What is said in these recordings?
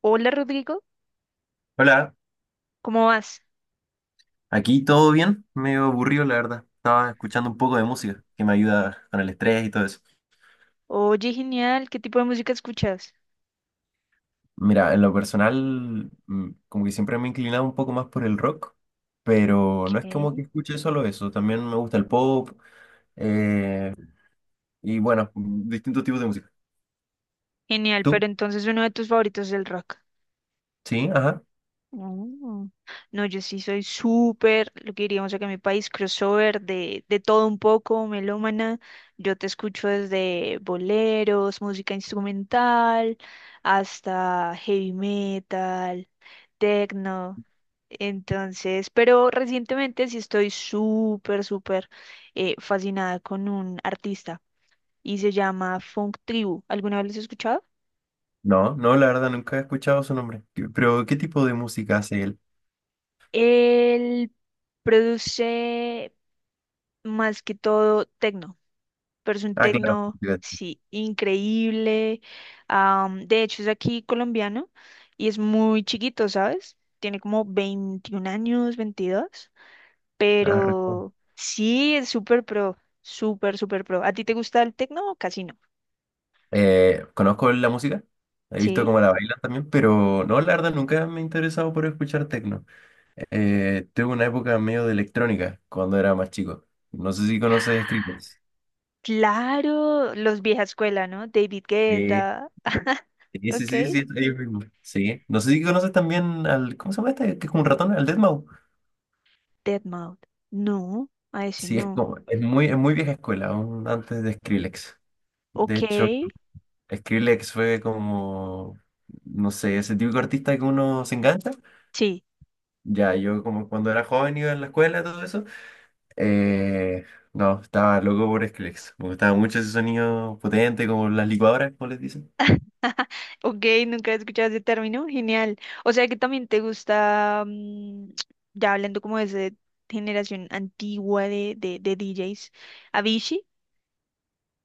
Hola Rodrigo, Hola, ¿cómo vas? aquí todo bien, medio aburrido la verdad. Estaba escuchando un poco de música que me ayuda con el estrés y todo eso. Oye, genial, ¿qué tipo de música escuchas? Mira, en lo personal, como que siempre me he inclinado un poco más por el rock, pero no es como ¿Qué? que escuche solo eso, también me gusta el pop eh, y bueno, distintos tipos de música. Genial, pero ¿Tú? entonces uno de tus favoritos es el rock. Sí, ajá. No, no, yo sí soy súper, lo que diríamos acá en mi país, crossover de todo un poco, melómana. Yo te escucho desde boleros, música instrumental, hasta heavy metal, techno. Entonces, pero recientemente sí estoy súper, súper, fascinada con un artista y se llama Funk Tribu. ¿Alguna vez lo has escuchado? No, no, la verdad nunca he escuchado su nombre. Pero ¿qué tipo de música hace él? Él produce más que todo tecno, pero es un Ah, claro. tecno, sí, increíble. De hecho, es aquí colombiano y es muy chiquito, ¿sabes? Tiene como 21 años, 22, Ah, pero sí, es súper pro, súper, súper pro. ¿A ti te gusta el tecno o casi no? Conozco la música, he visto Sí. cómo la Ujú. Bailan también, pero no, la verdad nunca me he interesado por escuchar techno. Tuve una época medio de electrónica cuando era más chico. No sé si conoces Skrillex. Claro, los vieja escuela, ¿no? David Sí, Guetta, sí, sí, ok. sí, sí, ellos mismos. Sí. No sé si conoces también al, ¿cómo se llama este? Que es como un ratón, al deadmau. Dead Mode. No, a ese Sí, es no. como, es muy vieja escuela, aún antes de Skrillex. De Ok, hecho, Skrillex fue como, no sé, ese típico artista que uno se engancha. sí. Ya, yo como cuando era joven iba en la escuela, todo eso. eh, no, estaba loco por Skrillex. Me gustaba mucho ese sonido potente, como las licuadoras, como les dicen. Ok, nunca he escuchado ese término, genial. O sea que también te gusta, ya hablando como de esa generación antigua de DJs, Avicii.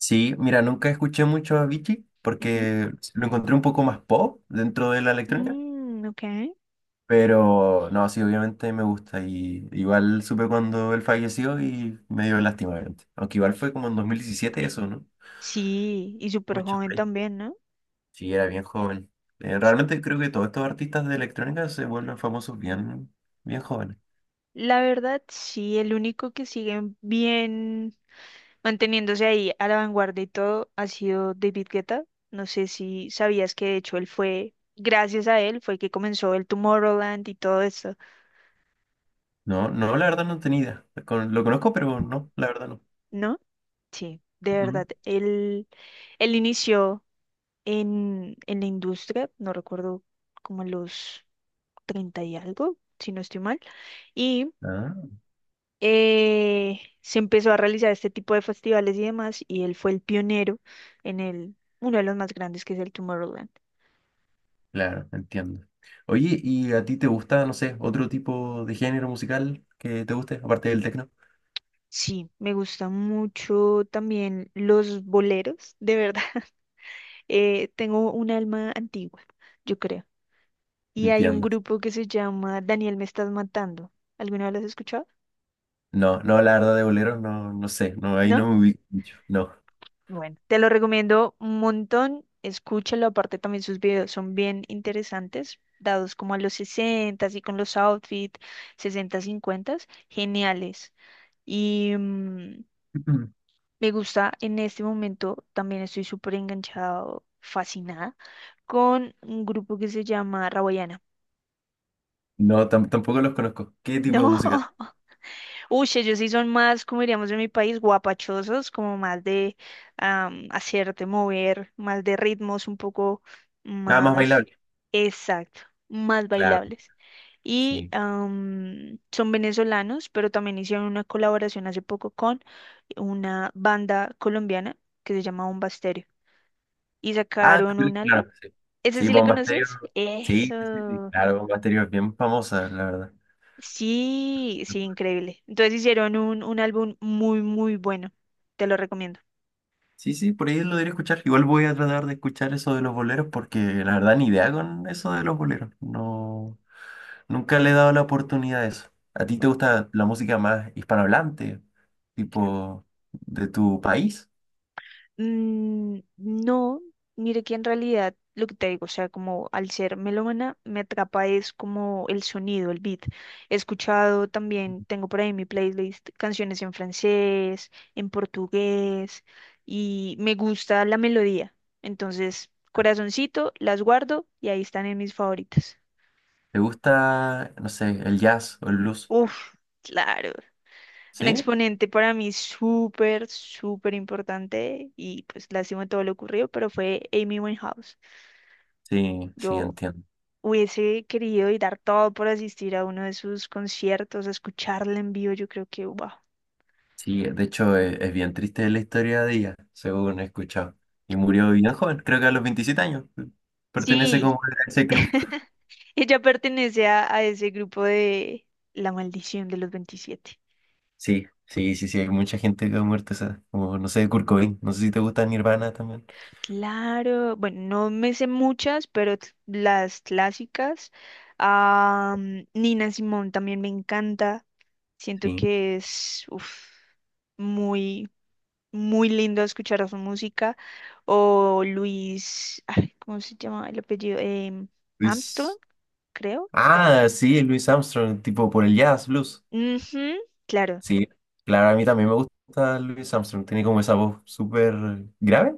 Sí, mira, nunca escuché mucho a Avicii Ujú. porque lo encontré un poco más pop dentro de la electrónica. Mm, ok. Pero no, sí, obviamente me gusta. Y igual supe cuando él falleció y me dio lástima, obviamente. Aunque igual fue como en 2017 eso, ¿no? Sí, y súper Mucho. joven también, ¿no? Sí, era bien joven. Realmente creo que todos estos artistas de electrónica se vuelven famosos bien, bien jóvenes. La verdad, sí, el único que sigue bien manteniéndose ahí a la vanguardia y todo ha sido David Guetta. No sé si sabías que de hecho él fue, gracias a él, fue que comenzó el Tomorrowland y todo eso, No, no, la verdad no tenía idea. Lo conozco, pero no, la verdad no. ¿no? Sí, de Ujú. verdad. Él inició en la industria, no recuerdo como a los 30 y algo, si no estoy mal, y Ah, se empezó a realizar este tipo de festivales y demás, y él fue el pionero en el, uno de los más grandes que es el Tomorrowland. claro, entiendo. Oye, ¿y a ti te gusta, no sé, otro tipo de género musical que te guste, aparte del tecno? Sí, me gustan mucho también los boleros, de verdad. Tengo un alma antigua, yo creo. Y hay un Entiendo. grupo que se llama Daniel Me Estás Matando. ¿Alguna vez lo has escuchado? No, no, la verdad de boleros no, no sé, no, ahí ¿No? no me ubico mucho, no. Bueno, te lo recomiendo un montón. Escúchalo, aparte también sus videos son bien interesantes, dados como a los 60 y con los outfits 60 50, geniales. Y me gusta en este momento, también estoy súper enganchado, fascinada, con un grupo que se llama Rawayana. No, tampoco los conozco. ¿Qué tipo de No. música? Uy, sí, ellos sí son más, como diríamos en mi país, guapachosos, como más de hacerte mover, más de ritmos un poco Ah, más más, bailable. exacto, más Claro, bailables. Y sí. Son venezolanos, pero también hicieron una colaboración hace poco con una banda colombiana que se llama Bomba Estéreo y Ah, sacaron sí, un álbum. claro que sí. ¿Ese Sí, sí le Bomba Estéreo. conoces? Sí, sí, sí, sí, Eso. claro, Bomba Estéreo es bien famosa, la verdad. Sí, sí, increíble. Entonces hicieron un álbum muy, muy bueno. Te lo recomiendo. Sí, sí, por ahí lo debería escuchar. Igual voy a tratar de escuchar eso de los boleros porque la verdad ni idea con eso de los boleros. No, nunca le he dado la oportunidad a eso. ¿A ti te gusta la música más hispanohablante, tipo de tu país? Mm, no, mire que en realidad lo que te digo, o sea, como al ser melómana, me atrapa es como el sonido, el beat. He escuchado también, tengo por ahí en mi playlist canciones en francés, en portugués, y me gusta la melodía. Entonces, corazoncito, las guardo y ahí están en mis favoritas. ¿Te gusta, no sé, el jazz o el blues? Uf, claro. Un ¿Sí? exponente para mí súper, súper importante y pues lástima todo lo ocurrido, pero fue Amy Winehouse. Sí, sí, Yo entiendo. hubiese querido y dar todo por asistir a uno de sus conciertos, a escucharla en vivo, yo creo que, wow. Sí, de hecho es bien triste la historia de ella, según he escuchado. Y murió bien joven, creo que a los 27 años. Pertenece como Sí, a ese club. ella pertenece a ese grupo de La Maldición de los 27. Sí, sí, sí, sí, hay mucha gente que ha muerto esa, como no sé, Kurt Cobain, no sé si te gusta Nirvana también. Claro, bueno, no me sé muchas, pero t- las clásicas. Ah, Nina Simone también me encanta. Siento Sí, que es uf, muy, muy lindo escuchar su música. O Luis, ay, ¿cómo se llama el apellido? Armstrong, Luis. creo. Ah, sí, Luis Armstrong, tipo por el jazz, blues. Ujú, claro, Sí, claro, a mí también me gusta Luis Armstrong, tiene como esa voz súper grave.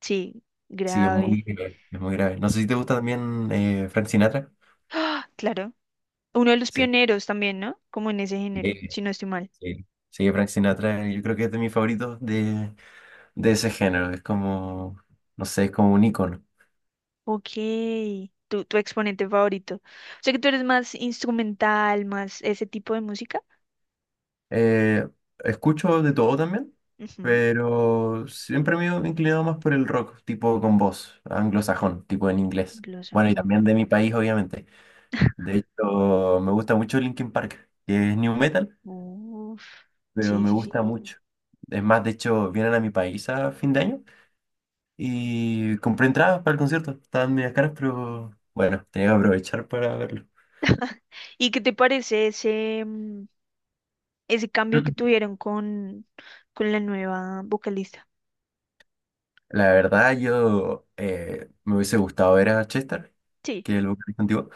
sí, Sí, es muy grave. grave, es muy grave. No sé si te gusta también Frank Sinatra. ¡Ah! Claro. Uno de los Sí. pioneros también, ¿no? Como en ese género, eh, si no estoy mal. sí, sí, Frank Sinatra, yo creo que es de mis favoritos de ese género. Es como, no sé, es como un ícono. Ok, tu exponente favorito. O sea que tú eres más instrumental, más ese tipo de música. Eh, escucho de todo también, Ujú, pero siempre me he inclinado más por el rock, tipo con voz, anglosajón, tipo en inglés. Bueno, y Anglosajón. también de mi país, obviamente. De hecho, me gusta mucho Linkin Park, que es new metal, Uf, pero sí, me sí, gusta sí. mucho. Es más, de hecho, vienen a mi país a fin de año. Y compré entradas para el concierto. Estaban medias caras, pero bueno, tenía que aprovechar para verlo. ¿Y qué te parece ese, ese cambio que tuvieron con la nueva vocalista? La verdad, yo me hubiese gustado ver a Chester, Sí, que es el vocalista antiguo,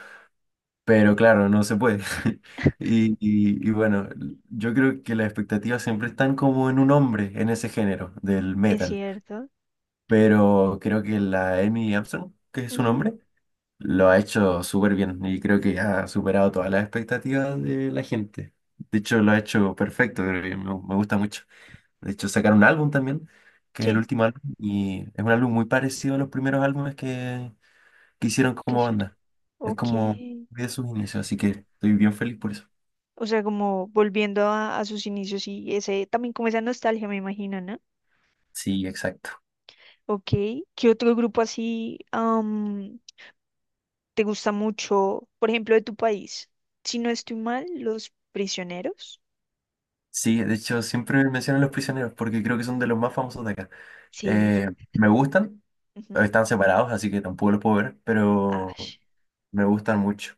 pero claro, no se puede. Y bueno, yo creo que las expectativas siempre están como en un hombre, en ese género del es metal, cierto. pero creo que la Amy Armstrong, que es su Ujú, nombre, lo ha hecho súper bien y creo que ha superado todas las expectativas de la gente. De hecho, lo ha hecho perfecto, creo que me gusta mucho. De hecho, sacaron un álbum también, que es el sí, último álbum, y es un álbum muy parecido a los primeros álbumes que hicieron como quisiera. banda. Es Ok. como de sus inicios, así que estoy bien feliz por eso. O sea, como volviendo a sus inicios y ese, también como esa nostalgia, me imagino, ¿no? Sí, exacto. Ok. ¿Qué otro grupo así te gusta mucho? Por ejemplo, de tu país. Si no estoy mal, Los Prisioneros. Sí, de hecho, siempre menciono a Los Prisioneros porque creo que son de los más famosos de acá. Sí. Eh, me gustan, Ujú, están separados, así que tampoco los puedo ver, pero ash. me gustan mucho.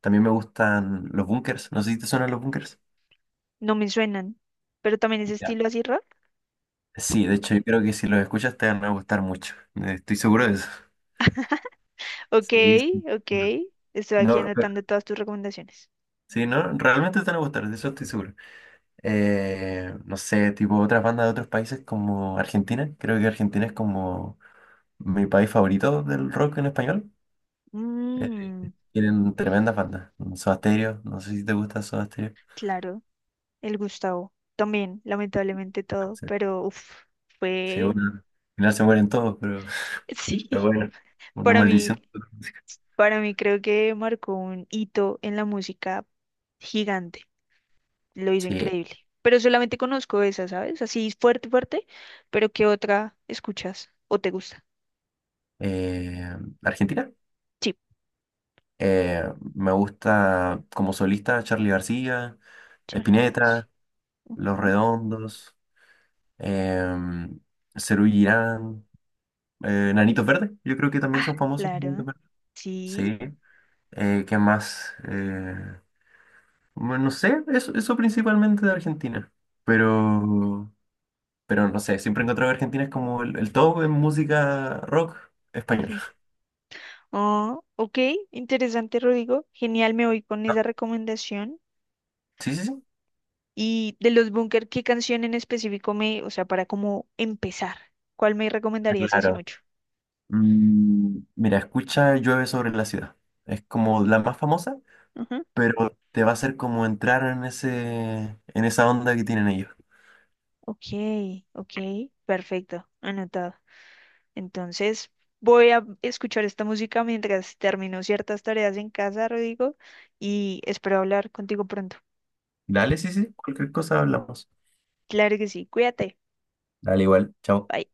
También me gustan los bunkers. No sé si te suenan los bunkers. No me suenan, pero también ese Ya. estilo así Sí, de hecho, yo creo que si los escuchas te van a gustar mucho. Estoy seguro de eso. ok, Sí, sí. ok. Estoy aquí No, pero- anotando todas tus recomendaciones. sí, no, realmente te van a gustar, de eso estoy seguro. No sé, tipo otras bandas de otros países como Argentina. Creo que Argentina es como mi país favorito del rock en español. Eh, Mm, tienen tremendas bandas. Soda Stereo, no sé si te gusta Soda Stereo. claro, el Gustavo. También, lamentablemente todo, Sí, pero uf, sí, fue, bueno, al final se mueren todos, pero sí, bueno, una para maldición. mí, para mí creo que marcó un hito en la música gigante. Lo hizo Sí, increíble. Pero solamente conozco esa, ¿sabes? Así fuerte, fuerte, pero ¿qué otra escuchas o te gusta? eh, Argentina. Sí, Eh, me gusta como solista Charly García, Charlie García. Spinetta, Los Ujú. Redondos, em, Serú Girán, Nanitos Verdes, yo creo que también Ah, son famosos. Nanitos claro, Verdes. sí. Sí, ¿qué más? Bueno, no sé, eso principalmente de Argentina, pero, pero no sé, siempre he encontrado que Argentina es como el top en música rock español. Oh, ok, interesante, Rodrigo. Genial, me voy con ¿No? esa recomendación. Sí, sí, sí. Y de los Bunker, ¿qué canción en específico me, o sea, para cómo empezar? ¿Cuál me recomendarías así Claro. mucho? Mm, mira, escucha Llueve sobre la ciudad. Es como la más famosa, Ujú. pero te va a hacer como entrar en ese, en esa onda que tienen ellos. Ok, ok, perfecto, anotado. Entonces, voy a escuchar esta música mientras termino ciertas tareas en casa, Rodrigo, y espero hablar contigo pronto. Dale, sí, sí, cualquier cosa hablamos. Claro que sí, cuídate. Dale igual, chao. Bye.